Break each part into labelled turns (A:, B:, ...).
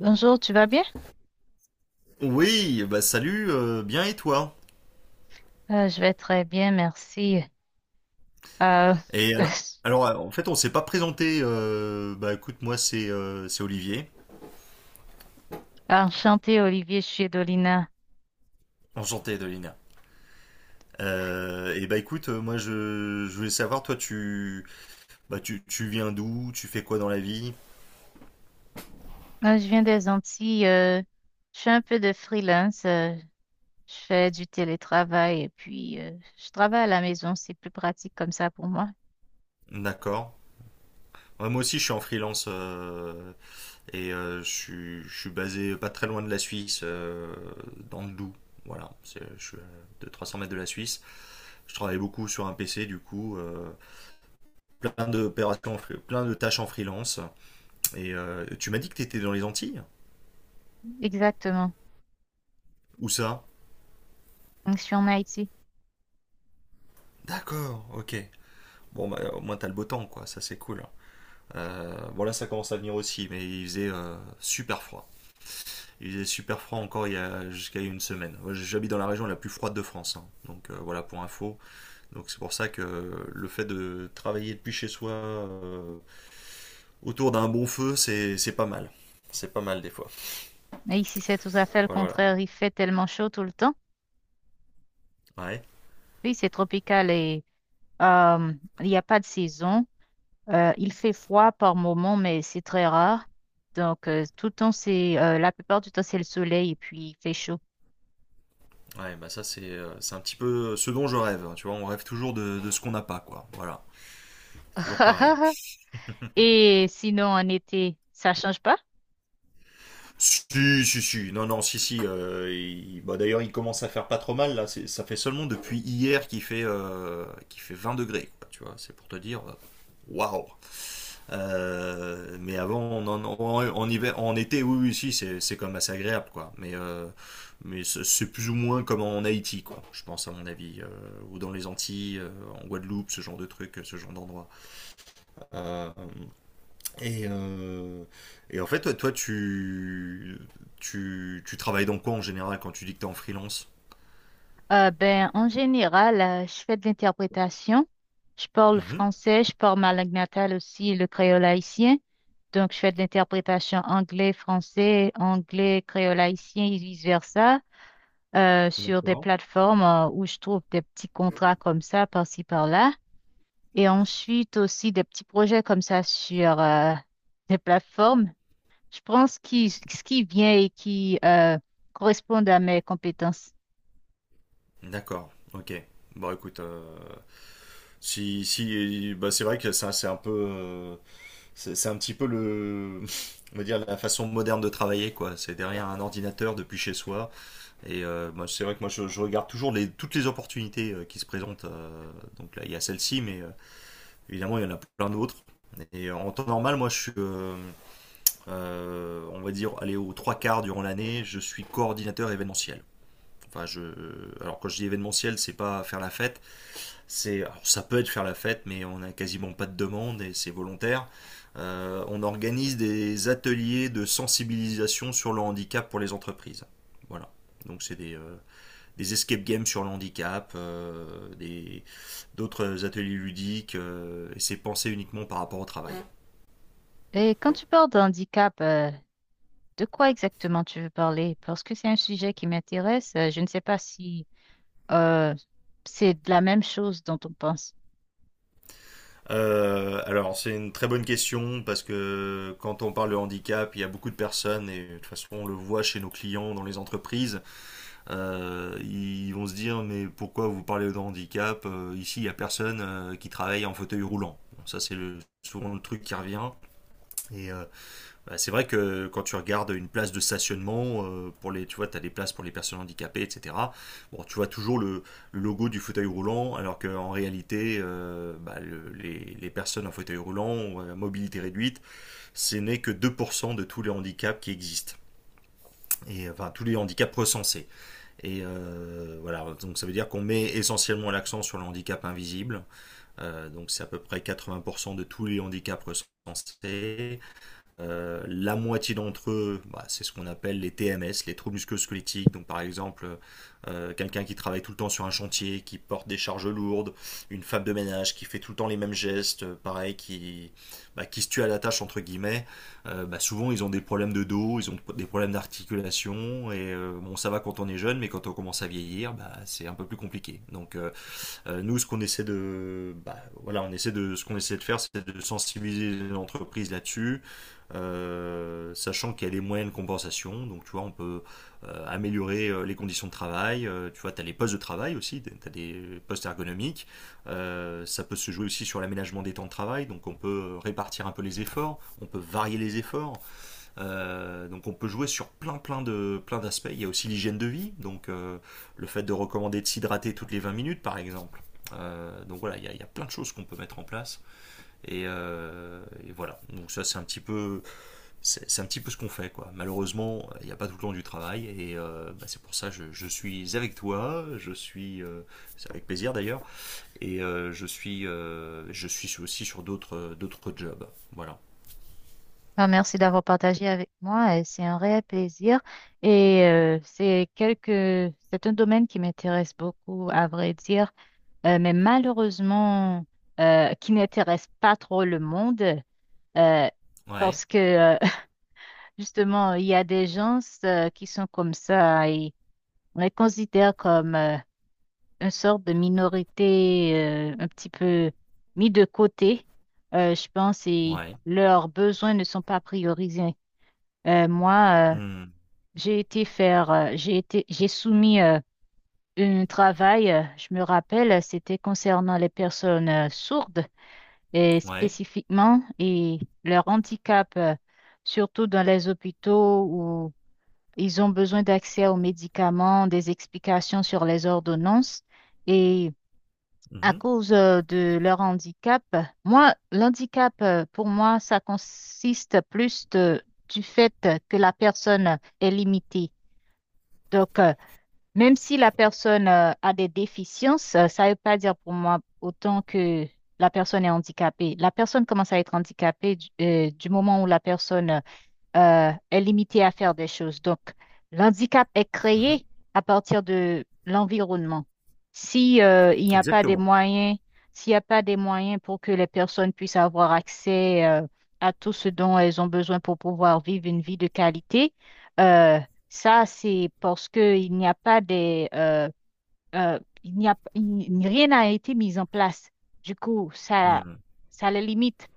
A: Bonjour, tu vas bien?
B: Oui, bah salut, bien et toi?
A: Je vais très bien, merci. Euh,
B: Et alors, alors, en fait, on s'est pas présenté. Bah écoute, moi c'est Olivier.
A: Enchantée, Olivier, je Chiedolina.
B: Enchanté, Dolina. Et bah écoute, moi je voulais savoir, toi tu bah tu viens d'où? Tu fais quoi dans la vie?
A: Je viens des Antilles. Je fais un peu de freelance. Je fais du télétravail et puis je travaille à la maison. C'est plus pratique comme ça pour moi.
B: D'accord. Ouais, moi aussi je suis en freelance, et je suis basé pas très loin de la Suisse, dans le Doubs. Voilà, je suis à 200-300 mètres de la Suisse. Je travaille beaucoup sur un PC du coup. Plein d'opérations, plein de tâches en freelance. Et tu m'as dit que tu étais dans les Antilles.
A: Exactement.
B: Où ça?
A: Donc, je suis en Haïti.
B: D'accord, ok. Bon, bah, au moins t'as le beau temps, quoi. Ça, c'est cool. Bon, là, ça commence à venir aussi, mais il faisait super froid. Il faisait super froid encore il y a jusqu'à une semaine. Moi, j'habite dans la région la plus froide de France, hein. Donc voilà pour info. Donc c'est pour ça que le fait de travailler depuis chez soi, autour d'un bon feu, c'est pas mal. C'est pas mal des fois.
A: Mais ici, c'est tout à fait le
B: Voilà.
A: contraire. Il fait tellement chaud tout le temps.
B: Voilà. Ouais.
A: Oui, c'est tropical et euh, il n'y a pas de saison. Il fait froid par moment, mais c'est très rare. Donc, tout le temps, c'est, la plupart du temps, c'est le soleil et puis il fait chaud.
B: Ouais, bah ça c'est un petit peu ce dont je rêve, hein, tu vois, on rêve toujours de ce qu'on n'a pas, quoi. Voilà. C'est toujours pareil.
A: Et sinon, en été, ça change pas?
B: Si, si, si, non, non, si, si, bah, d'ailleurs il commence à faire pas trop mal, là. Ça fait seulement depuis hier qu'il fait 20 degrés, quoi, tu vois, c'est pour te dire, waouh. Mais avant, en hiver, en été, oui, oui, si, c'est quand même assez agréable, quoi, mais, mais c'est plus ou moins comme en Haïti, quoi, je pense, à mon avis, ou dans les Antilles, en Guadeloupe, ce genre de truc, ce genre d'endroit. Euh, et, euh, et en fait, tu travailles dans quoi en général quand tu dis que tu es en freelance?
A: Ben, en général, je fais de l'interprétation. Je parle
B: Mhm.
A: français, je parle ma langue natale aussi, le créole haïtien. Donc, je fais de l'interprétation anglais-français, anglais-créole-haïtien et vice-versa, sur des
B: D'accord.
A: plateformes où je trouve des petits contrats comme ça, par-ci, par-là. Et ensuite aussi des petits projets comme ça sur des plateformes. Je prends ce qui vient et qui correspond à mes compétences.
B: D'accord, ok. Bon, écoute, si, si, bah, c'est vrai que ça, c'est un peu, c'est un petit peu on va dire la façon moderne de travailler, quoi. C'est derrière un ordinateur depuis chez soi. Et moi, c'est vrai que moi, je regarde toujours toutes les opportunités, qui se présentent. Donc là, il y a celle-ci, mais évidemment, il y en a plein d'autres. Et en temps normal, moi, je suis, on va dire, aller aux trois quarts durant l'année, je suis coordinateur événementiel. Enfin, alors quand je dis événementiel, c'est pas faire la fête, c'est, alors, ça peut être faire la fête, mais on n'a quasiment pas de demande et c'est volontaire. On organise des ateliers de sensibilisation sur le handicap pour les entreprises. Voilà. Donc c'est des escape games sur le handicap, d'autres ateliers ludiques, et c'est pensé uniquement par rapport au travail.
A: Et quand tu parles d'handicap, de quoi exactement tu veux parler? Parce que c'est un sujet qui m'intéresse. Je ne sais pas si euh, c'est de la même chose dont on pense.
B: Alors c'est une très bonne question parce que quand on parle de handicap, il y a beaucoup de personnes, et de toute façon on le voit chez nos clients dans les entreprises, ils vont se dire mais pourquoi vous parlez de handicap. Ici il n'y a personne, qui travaille en fauteuil roulant. Bon, ça c'est souvent le truc qui revient. Et bah, c'est vrai que quand tu regardes une place de stationnement, tu vois, tu as des places pour les personnes handicapées, etc. Bon, tu vois toujours le logo du fauteuil roulant, alors qu'en réalité, bah, les personnes en fauteuil roulant ou à mobilité réduite, ce n'est que 2% de tous les handicaps qui existent. Et enfin, tous les handicaps recensés. Et voilà, donc ça veut dire qu'on met essentiellement l'accent sur le handicap invisible. Donc c'est à peu près 80% de tous les handicaps recensés. La moitié d'entre eux, bah, c'est ce qu'on appelle les TMS, les troubles musculo-squelettiques. Donc par exemple, quelqu'un qui travaille tout le temps sur un chantier, qui porte des charges lourdes, une femme de ménage qui fait tout le temps les mêmes gestes, pareil, bah, qui se tue à la tâche entre guillemets. Bah, souvent ils ont des problèmes de dos, ils ont des problèmes d'articulation. Et bon, ça va quand on est jeune, mais quand on commence à vieillir, bah, c'est un peu plus compliqué. Donc nous, ce qu'on essaie de, bah, voilà, ce qu'on essaie de faire, c'est de sensibiliser l'entreprise là-dessus, sachant qu'il y a des moyens de compensation. Donc, tu vois, on peut améliorer les conditions de travail. Tu vois, tu as les postes de travail aussi, tu as des postes ergonomiques. Ça peut se jouer aussi sur l'aménagement des temps de travail. Donc, on peut répartir un peu les efforts, on peut varier les efforts. Donc on peut jouer sur plein d'aspects. Il y a aussi l'hygiène de vie, donc le fait de recommander de s'hydrater toutes les 20 minutes par exemple. Donc voilà, il y a plein de choses qu'on peut mettre en place. Et voilà, donc ça c'est un petit peu, c'est un petit peu ce qu'on fait, quoi. Malheureusement, il n'y a pas tout le temps du travail et bah, c'est pour ça je suis avec toi, je suis c'est avec plaisir d'ailleurs, et je suis aussi sur d'autres jobs. Voilà.
A: Ah, merci d'avoir partagé avec moi. Et c'est un réel plaisir. Et c'est c'est un domaine qui m'intéresse beaucoup, à vrai dire, mais malheureusement, qui n'intéresse pas trop le monde. euh,
B: Ouais,
A: Parce que, justement, il y a des gens qui sont comme ça et on les considère comme... une sorte de minorité, un petit peu mis de côté, je pense, et
B: ouais.
A: leurs besoins ne sont pas priorisés. Moi,
B: Hmm.
A: j'ai été faire, j'ai été, j'ai soumis un travail, je me rappelle, c'était concernant les personnes sourdes et
B: Ouais.
A: spécifiquement et leur handicap, surtout dans les hôpitaux où ils ont besoin d'accès aux médicaments, des explications sur les ordonnances. Et à
B: Mhm.
A: cause de leur handicap. Moi, l'handicap, pour moi, ça consiste du fait que la personne est limitée. Donc, même si la personne a des déficiences, ça ne veut pas dire pour moi autant que la personne est handicapée. La personne commence à être handicapée du moment où la personne est limité à faire des choses. Donc, l'handicap est
B: Mhm.
A: créé à partir de l'environnement. Si, il n'y a pas des
B: Exactement.
A: moyens, s'il n'y a pas des moyens pour que les personnes puissent avoir accès, à tout ce dont elles ont besoin pour pouvoir vivre une vie de qualité, euh, ça, c'est parce que il n'y a pas des, euh, il n'y a, rien n'a été mis en place. Du coup,
B: Mhm.
A: ça les limite.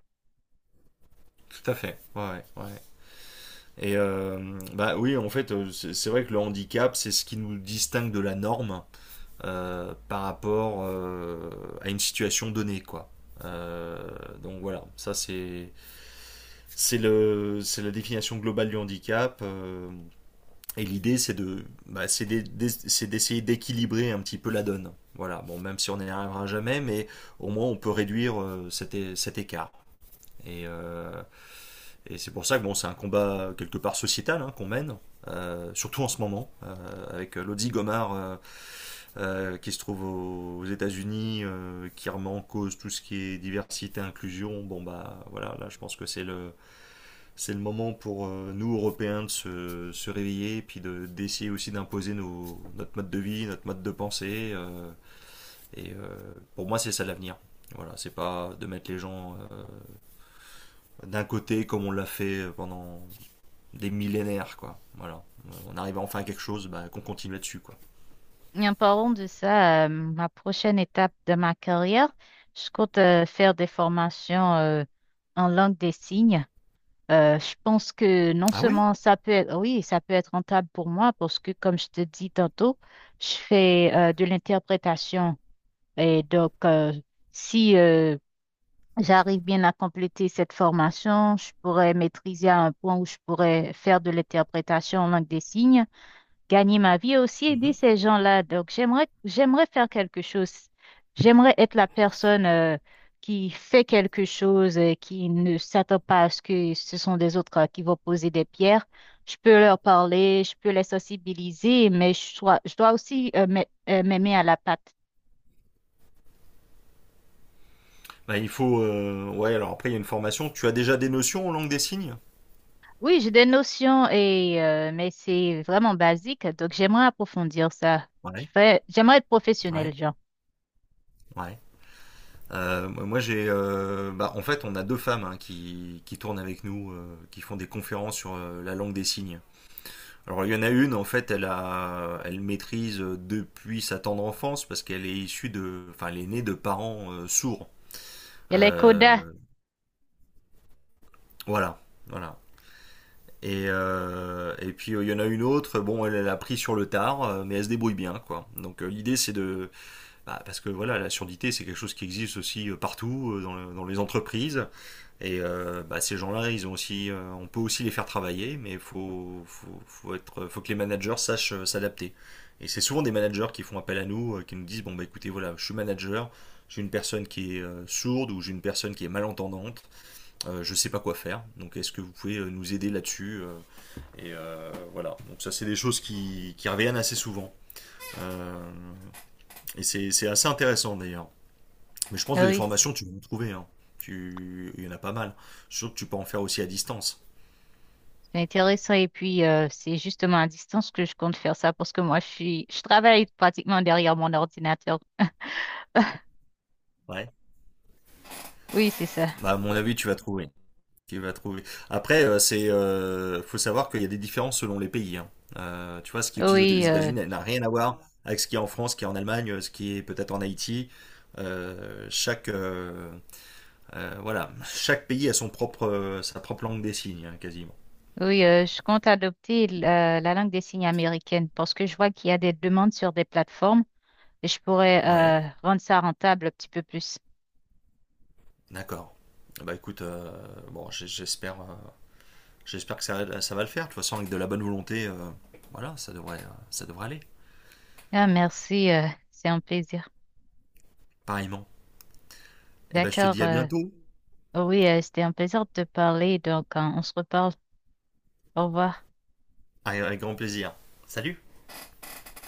B: Tout à fait. Ouais, ouais. Ouais. Et bah oui, en fait, c'est vrai que le handicap, c'est ce qui nous distingue de la norme, par rapport, à une situation donnée, quoi. Euh, donc voilà, ça c'est le c'est la définition globale du handicap. Et l'idée, c'est d'essayer d'équilibrer un petit peu la donne. Voilà. Bon, même si on n'y arrivera jamais, mais au moins on peut réduire, cet écart. Et, euh, Et c'est pour ça que bon, c'est un combat quelque part sociétal, hein, qu'on mène, surtout en ce moment, avec Lodi Gomard, qui se trouve aux États-Unis, qui remet en cause tout ce qui est diversité, inclusion. Bon bah voilà, là je pense que c'est le moment pour, nous Européens de se réveiller, et puis de d'essayer aussi d'imposer nos notre mode de vie, notre mode de pensée. Pour moi, c'est ça l'avenir. Voilà, c'est pas de mettre les gens d'un côté comme on l'a fait pendant des millénaires, quoi. Voilà. On arrive enfin à quelque chose, bah, qu'on continue là-dessus, quoi.
A: Et en parlant de ça, ma prochaine étape de ma carrière, je compte faire des formations en langue des signes. Je pense que non
B: Ah oui.
A: seulement ça peut être, oui, ça peut être rentable pour moi parce que, comme je te dis tantôt, je fais de l'interprétation. Et donc, si j'arrive bien à compléter cette formation, je pourrais maîtriser à un point où je pourrais faire de l'interprétation en langue des signes, gagner ma vie et aussi aider
B: Mhm.
A: ces gens-là. Donc, j'aimerais faire quelque chose. J'aimerais être la personne qui fait quelque chose, qui ne s'attend pas à ce que ce sont des autres qui vont poser des pierres. Je peux leur parler, je peux les sensibiliser, mais je dois aussi m'aimer à la patte.
B: Bah, il faut. Ouais, alors après, il y a une formation. Tu as déjà des notions en langue des signes?
A: Oui, j'ai des notions et mais c'est vraiment basique, donc j'aimerais approfondir ça.
B: Ouais.
A: J'aimerais être
B: Ouais,
A: professionnelle, genre.
B: ouais. Moi, j'ai. Bah, en fait, on a deux femmes, hein, qui tournent avec nous, qui font des conférences sur, la langue des signes. Alors, il y en a une, en fait, elle maîtrise depuis sa tendre enfance parce qu'elle est issue de, enfin, elle est née de parents, sourds.
A: Et les codas,
B: Euh, voilà, voilà. Et puis il y en a une autre, bon elle l'a pris sur le tard, mais elle se débrouille bien, quoi. Donc l'idée c'est de bah, parce que voilà, la surdité c'est quelque chose qui existe aussi partout, dans les entreprises. Et bah, ces gens-là, ils ont aussi, on peut aussi les faire travailler, mais faut que les managers sachent, s'adapter. Et c'est souvent des managers qui font appel à nous, qui nous disent, bon bah écoutez voilà, je suis manager, j'ai une personne qui est sourde, ou j'ai une personne qui est malentendante, je ne sais pas quoi faire, donc est-ce que vous pouvez nous aider là-dessus, voilà, donc ça c'est des choses qui reviennent assez souvent. Euh, et c'est assez intéressant d'ailleurs. Mais je pense
A: ah
B: que des
A: oui.
B: formations, tu vas en trouver, hein. Il y en a pas mal. Surtout que tu peux en faire aussi à distance.
A: C'est intéressant et puis c'est justement à distance que je compte faire ça parce que moi je travaille pratiquement derrière mon ordinateur.
B: Ouais.
A: Oui, c'est ça.
B: Bah, à mon avis, tu vas trouver. Tu vas trouver. Après, faut savoir qu'il y a des différences selon les pays, hein. Tu vois, ce qui est utilisé aux
A: Oui, euh,
B: États-Unis elle n'a rien à voir avec ce qui est en France, ce qui est en Allemagne, ce qui est peut-être en Haïti. Euh, chaque, euh, voilà, chaque pays a son propre, sa propre langue des signes, hein, quasiment.
A: oui, je compte adopter la langue des signes américaine parce que je vois qu'il y a des demandes sur des plateformes et je pourrais
B: Ouais,
A: rendre ça rentable un petit peu plus.
B: d'accord. Ah, bah écoute, bon, j'espère que ça va le faire. De toute façon, avec de la bonne volonté, voilà, ça devrait aller.
A: Ah, merci, c'est un plaisir.
B: Pareillement. Et ben, je te
A: D'accord.
B: dis à bientôt.
A: Oui, c'était un plaisir de te parler, donc on se reparle. Au revoir.
B: Avec grand plaisir. Salut!